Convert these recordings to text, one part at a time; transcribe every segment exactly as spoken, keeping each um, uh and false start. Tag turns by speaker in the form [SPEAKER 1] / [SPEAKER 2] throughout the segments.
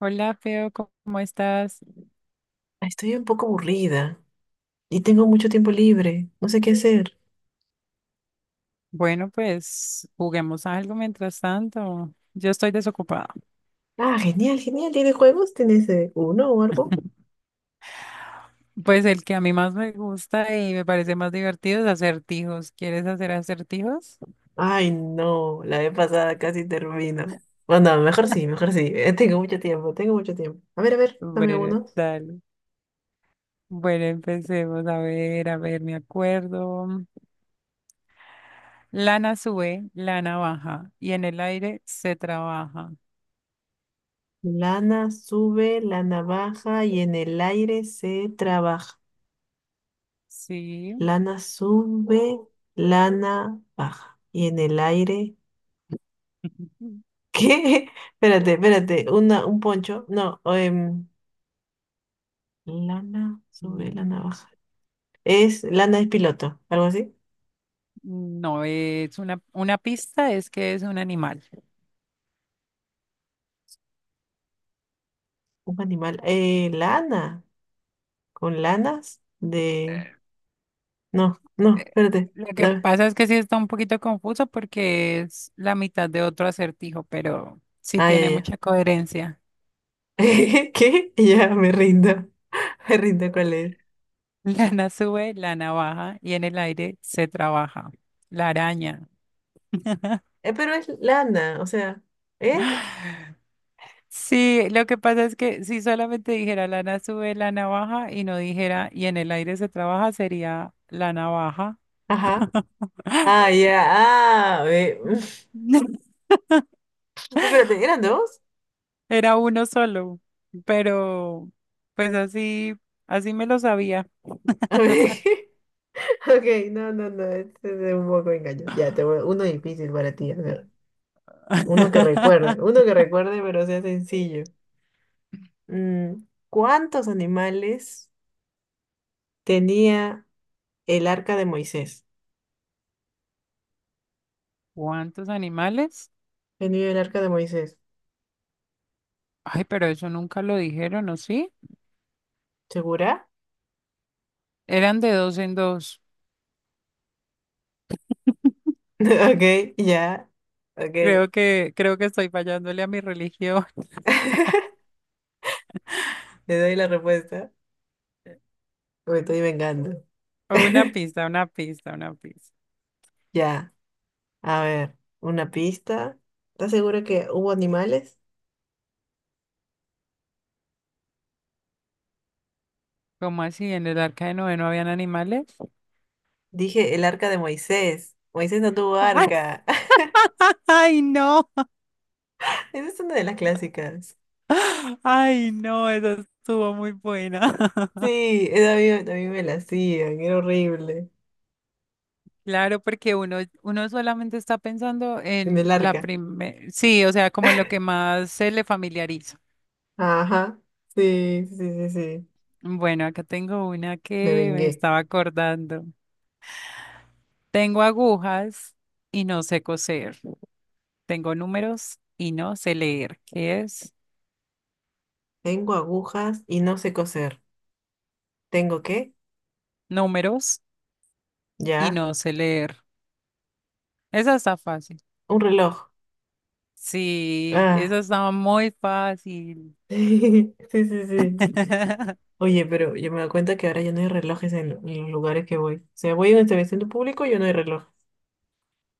[SPEAKER 1] Hola, Feo, ¿cómo estás?
[SPEAKER 2] Estoy un poco aburrida y tengo mucho tiempo libre. No sé qué hacer.
[SPEAKER 1] Bueno, pues juguemos algo mientras tanto. Yo estoy desocupada.
[SPEAKER 2] Ah, genial, genial. ¿Tienes juegos? ¿Tienes eh, uno o algo?
[SPEAKER 1] Pues el que a mí más me gusta y me parece más divertido es acertijos. ¿Quieres hacer acertijos?
[SPEAKER 2] Ay, no. La vez pasada casi termino. Bueno, mejor sí, mejor sí. eh, Tengo mucho tiempo, tengo mucho tiempo. A ver, a ver, dame
[SPEAKER 1] Bueno,
[SPEAKER 2] uno.
[SPEAKER 1] dale. Bueno, empecemos. A ver, a ver, me acuerdo. Lana sube, lana baja y en el aire se trabaja.
[SPEAKER 2] Lana sube, lana baja y en el aire se trabaja.
[SPEAKER 1] Sí.
[SPEAKER 2] Lana sube, lana baja y en el aire... ¿Qué? Espérate, espérate. Una, un poncho. No, em, lana sobre la
[SPEAKER 1] No,
[SPEAKER 2] navaja. Es lana, es piloto, algo así.
[SPEAKER 1] no es una, una pista, es que es un animal.
[SPEAKER 2] Un animal. Eh, lana. Con lanas de. No, no,
[SPEAKER 1] Eh,
[SPEAKER 2] espérate.
[SPEAKER 1] Lo que
[SPEAKER 2] Dame.
[SPEAKER 1] pasa es que sí está un poquito confuso porque es la mitad de otro acertijo, pero sí
[SPEAKER 2] Ah, ya,
[SPEAKER 1] tiene
[SPEAKER 2] ya.
[SPEAKER 1] mucha coherencia.
[SPEAKER 2] ¿Qué? Ya me rindo. Me rindo, cuál es.
[SPEAKER 1] Lana sube, lana baja y en el aire se trabaja. La araña.
[SPEAKER 2] Eh, pero es lana, o sea. ¿Eh?
[SPEAKER 1] Sí, lo que pasa es que si solamente dijera lana sube, lana baja y no dijera y en el aire se trabaja sería lana baja.
[SPEAKER 2] Ajá. Ah, ya. Ah, ve. Espérate, ¿eran dos?
[SPEAKER 1] Era uno solo, pero pues así, así me lo sabía.
[SPEAKER 2] A ver. Ok, no, no, no. Este es un poco engaño. Ya, te voy- uno difícil para ti. A ver. Uno que recuerde, uno que recuerde, pero sea sencillo. Mm, ¿Cuántos animales tenía el arca de Moisés?
[SPEAKER 1] ¿Cuántos animales?
[SPEAKER 2] Tenía el arca de Moisés.
[SPEAKER 1] Ay, pero eso nunca lo dijeron, ¿o sí?
[SPEAKER 2] ¿Segura?
[SPEAKER 1] Eran de dos en dos.
[SPEAKER 2] Ok, ya. Ok.
[SPEAKER 1] Creo que, creo que estoy fallándole a mi religión.
[SPEAKER 2] Le doy la respuesta. Me estoy vengando.
[SPEAKER 1] O una pista, una pista, una pista.
[SPEAKER 2] Ya. A ver, una pista. ¿Estás segura que hubo animales?
[SPEAKER 1] ¿Cómo así? ¿En el arca de Noé no habían animales?
[SPEAKER 2] Dije el arca de Moisés. Moisés no tuvo
[SPEAKER 1] ¡Ay,
[SPEAKER 2] arca.
[SPEAKER 1] ay, no!
[SPEAKER 2] Esa es una de las clásicas.
[SPEAKER 1] ¡Ay, no! Esa estuvo muy buena.
[SPEAKER 2] Sí, esa a mí, a mí me la hacían, era horrible.
[SPEAKER 1] Claro, porque uno, uno solamente está pensando
[SPEAKER 2] En
[SPEAKER 1] en
[SPEAKER 2] el
[SPEAKER 1] la
[SPEAKER 2] arca.
[SPEAKER 1] primera, sí, o sea, como en lo que más se le familiariza.
[SPEAKER 2] Ajá. Sí, sí, sí, sí.
[SPEAKER 1] Bueno, acá tengo una
[SPEAKER 2] Me
[SPEAKER 1] que me
[SPEAKER 2] vengué.
[SPEAKER 1] estaba acordando. Tengo agujas y no sé coser. Tengo números y no sé leer. ¿Qué es?
[SPEAKER 2] Tengo agujas y no sé coser. ¿Tengo qué?
[SPEAKER 1] Números y
[SPEAKER 2] Ya.
[SPEAKER 1] no sé leer. Esa está fácil.
[SPEAKER 2] Un reloj.
[SPEAKER 1] Sí,
[SPEAKER 2] Ah.
[SPEAKER 1] esa está muy fácil.
[SPEAKER 2] Sí, sí, sí. Oye, pero yo me doy cuenta que ahora ya no hay relojes en, en los lugares que voy. O sea, voy a un establecimiento público y ya no hay reloj.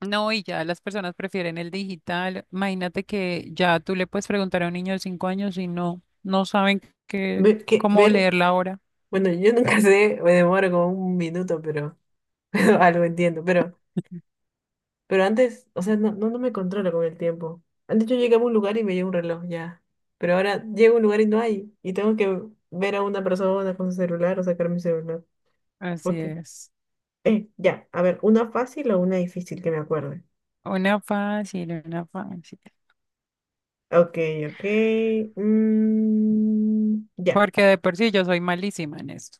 [SPEAKER 1] No, y ya las personas prefieren el digital. Imagínate que ya tú le puedes preguntar a un niño de cinco años y no, no saben qué,
[SPEAKER 2] Ver, ¿qué?
[SPEAKER 1] cómo
[SPEAKER 2] Ver.
[SPEAKER 1] leerla ahora.
[SPEAKER 2] Bueno, yo nunca sé, me demoro como un minuto, pero, pero algo entiendo. Pero Pero antes, o sea, no, no, no me controlo con el tiempo. Antes yo llegaba a un lugar y me llevo un reloj ya. Pero ahora llego a un lugar y no hay. Y tengo que ver a una persona con su celular o sacar mi celular.
[SPEAKER 1] Así
[SPEAKER 2] Ok.
[SPEAKER 1] es.
[SPEAKER 2] Eh, ya. A ver, una fácil o una difícil que me acuerde.
[SPEAKER 1] Una fácil, una fácil.
[SPEAKER 2] Ok, ok. mm, ya.
[SPEAKER 1] Porque de por sí yo soy malísima en esto.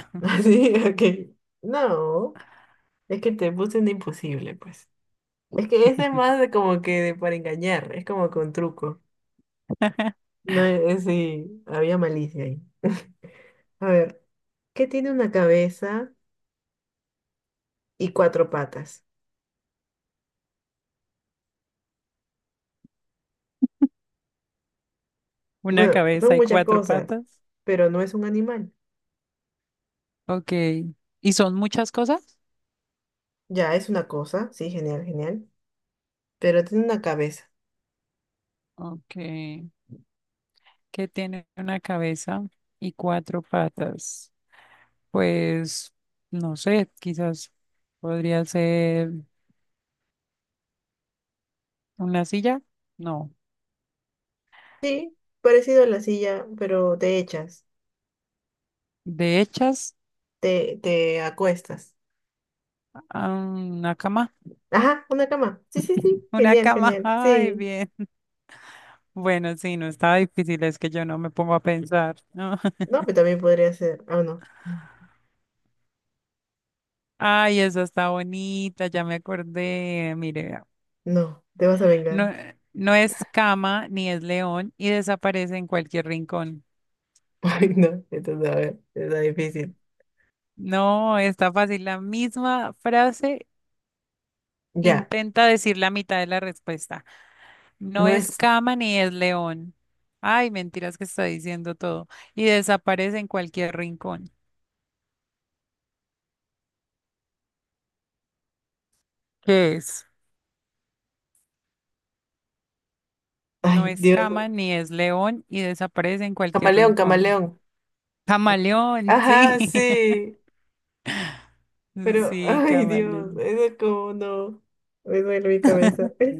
[SPEAKER 2] Así, ok. No. Es que te puse un imposible, pues. Es que ese es más de como que de para engañar. Es como con truco. No es, es- sí, había malicia ahí. A ver. Que tiene una cabeza y cuatro patas.
[SPEAKER 1] Una
[SPEAKER 2] Bueno, son
[SPEAKER 1] cabeza y
[SPEAKER 2] muchas
[SPEAKER 1] cuatro
[SPEAKER 2] cosas,
[SPEAKER 1] patas.
[SPEAKER 2] pero no es un animal.
[SPEAKER 1] Ok. ¿Y son muchas cosas?
[SPEAKER 2] Ya, es una cosa, sí, genial, genial. Pero tiene una cabeza.
[SPEAKER 1] Ok. ¿Qué tiene una cabeza y cuatro patas? Pues, no sé, quizás podría ser una silla. No.
[SPEAKER 2] Sí, parecido a la silla, pero te echas,
[SPEAKER 1] De hechas,
[SPEAKER 2] te, te acuestas.
[SPEAKER 1] ah, una cama.
[SPEAKER 2] Ajá, una cama. Sí, sí, sí,
[SPEAKER 1] Una
[SPEAKER 2] genial,
[SPEAKER 1] cama.
[SPEAKER 2] genial.
[SPEAKER 1] Ay,
[SPEAKER 2] Sí.
[SPEAKER 1] bien. Bueno, sí, no estaba difícil, es que yo no me pongo a pensar, ¿no?
[SPEAKER 2] No, pero también podría ser. Ah, no.
[SPEAKER 1] Ay, esa está bonita, ya me acordé. Mire,
[SPEAKER 2] No, te vas a vengar.
[SPEAKER 1] no, no es cama ni es león y desaparece en cualquier rincón.
[SPEAKER 2] Ay, no, entonces, a ver, está difícil.
[SPEAKER 1] No, está fácil. La misma frase
[SPEAKER 2] Ya,
[SPEAKER 1] intenta decir la mitad de la respuesta. No
[SPEAKER 2] no
[SPEAKER 1] es
[SPEAKER 2] es.
[SPEAKER 1] cama ni es león. Ay, mentiras que está diciendo todo. Y desaparece en cualquier rincón. ¿Qué es? No
[SPEAKER 2] Ay,
[SPEAKER 1] es
[SPEAKER 2] Dios.
[SPEAKER 1] cama ni es león y desaparece en cualquier
[SPEAKER 2] Camaleón,
[SPEAKER 1] rincón.
[SPEAKER 2] camaleón.
[SPEAKER 1] Camaleón, sí.
[SPEAKER 2] Ajá, sí. Pero,
[SPEAKER 1] Sí,
[SPEAKER 2] ay Dios,
[SPEAKER 1] camaleón.
[SPEAKER 2] eso es como no. Me duele mi cabeza.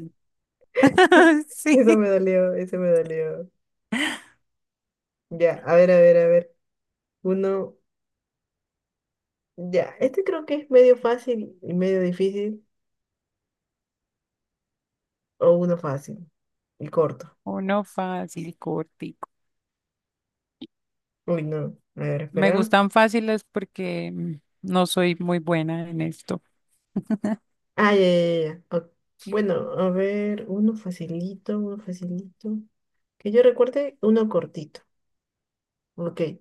[SPEAKER 1] Sí.
[SPEAKER 2] Eso me dolió, eso me dolió. Ya, a ver, a ver, a ver. Uno, ya, este creo que es medio fácil y medio difícil, o uno fácil y corto.
[SPEAKER 1] Uno fácil, cortico.
[SPEAKER 2] Uy, no, a ver,
[SPEAKER 1] Me
[SPEAKER 2] espera.
[SPEAKER 1] gustan fáciles porque mm, no soy muy buena en esto.
[SPEAKER 2] Ah, ya, ya, ya. Ya. Ok, bueno, a ver, uno facilito, uno facilito. Que yo recuerde, uno cortito. Ok.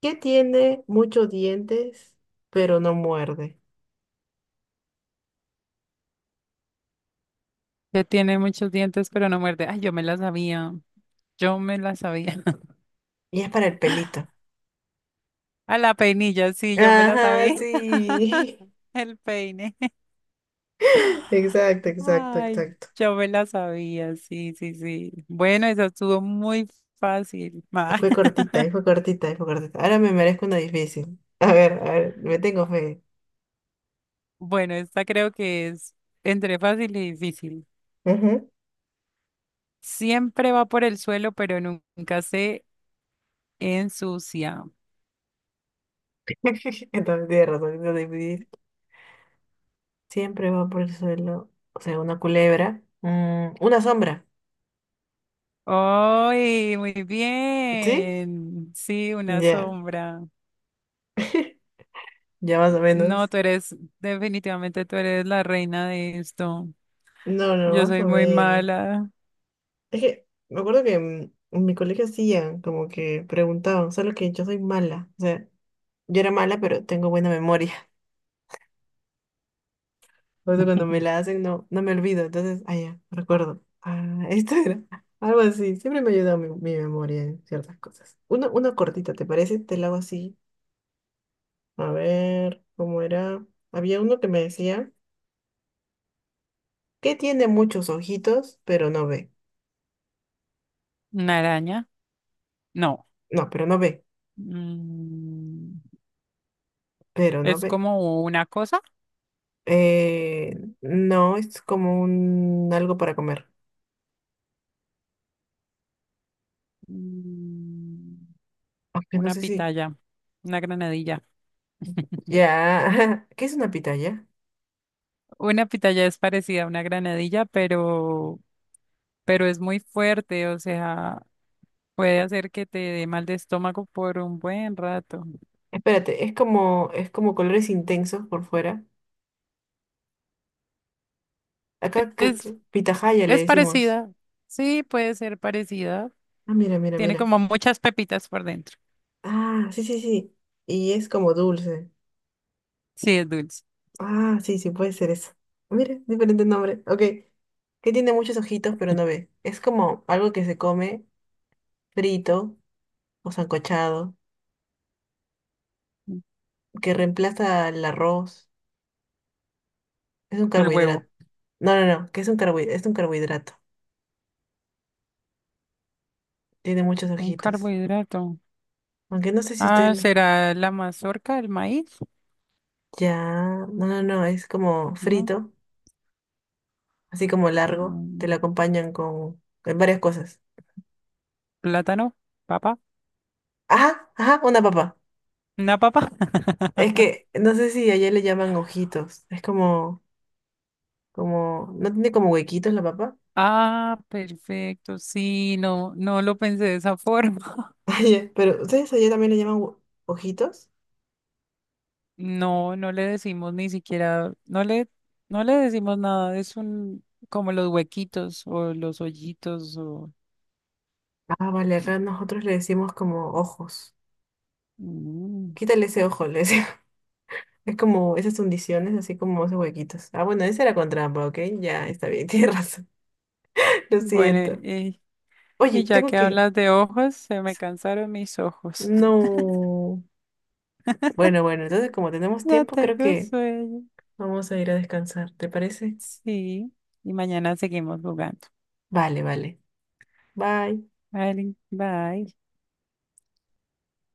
[SPEAKER 2] ¿Qué tiene muchos dientes, pero no muerde?
[SPEAKER 1] Que tiene muchos dientes, pero no muerde. Ay, yo me la sabía. Yo me la sabía.
[SPEAKER 2] Y es para el pelito.
[SPEAKER 1] A la peinilla, sí, yo me la
[SPEAKER 2] Ajá,
[SPEAKER 1] sabía.
[SPEAKER 2] sí.
[SPEAKER 1] El peine.
[SPEAKER 2] Exacto, exacto,
[SPEAKER 1] Ay,
[SPEAKER 2] exacto.
[SPEAKER 1] yo me la sabía. Sí, sí, sí. Bueno, esa estuvo muy fácil.
[SPEAKER 2] Y
[SPEAKER 1] Ma.
[SPEAKER 2] fue cortita, y fue cortita, y fue cortita. Ahora me merezco una difícil. A ver, a ver, me tengo fe.
[SPEAKER 1] Bueno, esta creo que es entre fácil y difícil.
[SPEAKER 2] Ujú.
[SPEAKER 1] Siempre va por el suelo, pero nunca se ensucia.
[SPEAKER 2] Entonces tienes razón, una difícil. Siempre va por el suelo. O sea, una culebra. Mm, una sombra.
[SPEAKER 1] ¡Ay, muy
[SPEAKER 2] ¿Sí?
[SPEAKER 1] bien! Sí, una
[SPEAKER 2] Ya,
[SPEAKER 1] sombra.
[SPEAKER 2] ya más o
[SPEAKER 1] No,
[SPEAKER 2] menos.
[SPEAKER 1] tú eres, definitivamente tú eres la reina de esto.
[SPEAKER 2] No, no,
[SPEAKER 1] Yo
[SPEAKER 2] más
[SPEAKER 1] soy
[SPEAKER 2] o
[SPEAKER 1] muy
[SPEAKER 2] menos.
[SPEAKER 1] mala.
[SPEAKER 2] Es que me acuerdo que mm, en mi colegio hacían como que preguntaban, solo que yo soy mala. O sea, yo era mala, pero tengo buena memoria. Por eso cuando me la hacen no, no me olvido. Entonces, ah, ya, recuerdo. Ah, esto era algo así. Siempre me ayuda mi, mi memoria en ciertas cosas. Una, una cortita, ¿te parece? Te la hago así. A ver, ¿cómo era? Había uno que me decía que tiene muchos ojitos, pero no ve.
[SPEAKER 1] ¿Una araña? No.
[SPEAKER 2] No, pero no ve.
[SPEAKER 1] Mm,
[SPEAKER 2] Pero no
[SPEAKER 1] es
[SPEAKER 2] ve.
[SPEAKER 1] como una cosa.
[SPEAKER 2] Eh, no, es como un algo para comer.
[SPEAKER 1] Mm,
[SPEAKER 2] Aunque no
[SPEAKER 1] una
[SPEAKER 2] sé si.
[SPEAKER 1] pitaya, una granadilla.
[SPEAKER 2] Ya. ¿Qué es una pitaya?
[SPEAKER 1] Una pitaya es parecida a una granadilla, pero, pero es muy fuerte, o sea, puede hacer que te dé mal de estómago por un buen rato.
[SPEAKER 2] Espérate, es como, es como colores intensos por fuera. Acá creo que
[SPEAKER 1] Es
[SPEAKER 2] pitahaya le
[SPEAKER 1] Es
[SPEAKER 2] decimos.
[SPEAKER 1] parecida. Sí, puede ser parecida.
[SPEAKER 2] Ah, mira, mira,
[SPEAKER 1] Tiene
[SPEAKER 2] mira.
[SPEAKER 1] como muchas pepitas por dentro.
[SPEAKER 2] Ah, sí, sí, sí. Y es como dulce.
[SPEAKER 1] Sí, es dulce.
[SPEAKER 2] Ah, sí, sí, puede ser eso. Mira, diferente nombre. Ok. Que tiene muchos ojitos, pero no ve. Es como algo que se come frito o sancochado,
[SPEAKER 1] Mm,
[SPEAKER 2] que reemplaza el arroz. Es un
[SPEAKER 1] El huevo.
[SPEAKER 2] carbohidrato. No, no, no, que es un carbohidrato. Es un carbohidrato. Tiene muchos
[SPEAKER 1] Un
[SPEAKER 2] ojitos.
[SPEAKER 1] carbohidrato.
[SPEAKER 2] Aunque no sé si usted...
[SPEAKER 1] Ah,
[SPEAKER 2] le-
[SPEAKER 1] ¿será la mazorca, el maíz?
[SPEAKER 2] Ya, no, no, no, es como
[SPEAKER 1] ¿No?
[SPEAKER 2] frito así como largo, te
[SPEAKER 1] Mm,
[SPEAKER 2] lo acompañan con, con varias cosas.
[SPEAKER 1] Plátano, papa.
[SPEAKER 2] Ajá, ajá, una papa.
[SPEAKER 1] ¿Una papa?
[SPEAKER 2] Es que no sé si allá le llaman ojitos. Es como, como, no tiene como huequitos la papa.
[SPEAKER 1] Ah, perfecto. Sí, no, no lo pensé de esa forma.
[SPEAKER 2] Allá, pero ustedes allá también le llaman hue- ojitos.
[SPEAKER 1] No, no le decimos ni siquiera, no le, no le decimos nada. Es un, como los huequitos o los hoyitos o...
[SPEAKER 2] Ah, vale, acá nosotros le decimos como ojos.
[SPEAKER 1] Mm.
[SPEAKER 2] Quítale ese ojo, le decimos. Es como esas hundiciones, así como esos huequitos. Ah, bueno, ese era con trampa, ¿ok? Ya, está bien, tienes razón. Lo
[SPEAKER 1] Bueno,
[SPEAKER 2] siento.
[SPEAKER 1] eh,
[SPEAKER 2] Oye,
[SPEAKER 1] y ya
[SPEAKER 2] tengo
[SPEAKER 1] que
[SPEAKER 2] que...
[SPEAKER 1] hablas de ojos, se me cansaron mis ojos.
[SPEAKER 2] No. Bueno, bueno, entonces como tenemos
[SPEAKER 1] Ya
[SPEAKER 2] tiempo, creo
[SPEAKER 1] tengo
[SPEAKER 2] que
[SPEAKER 1] sueño.
[SPEAKER 2] vamos a ir a descansar, ¿te parece?
[SPEAKER 1] Sí. Y mañana seguimos jugando.
[SPEAKER 2] Vale, vale. Bye.
[SPEAKER 1] Vale, bye.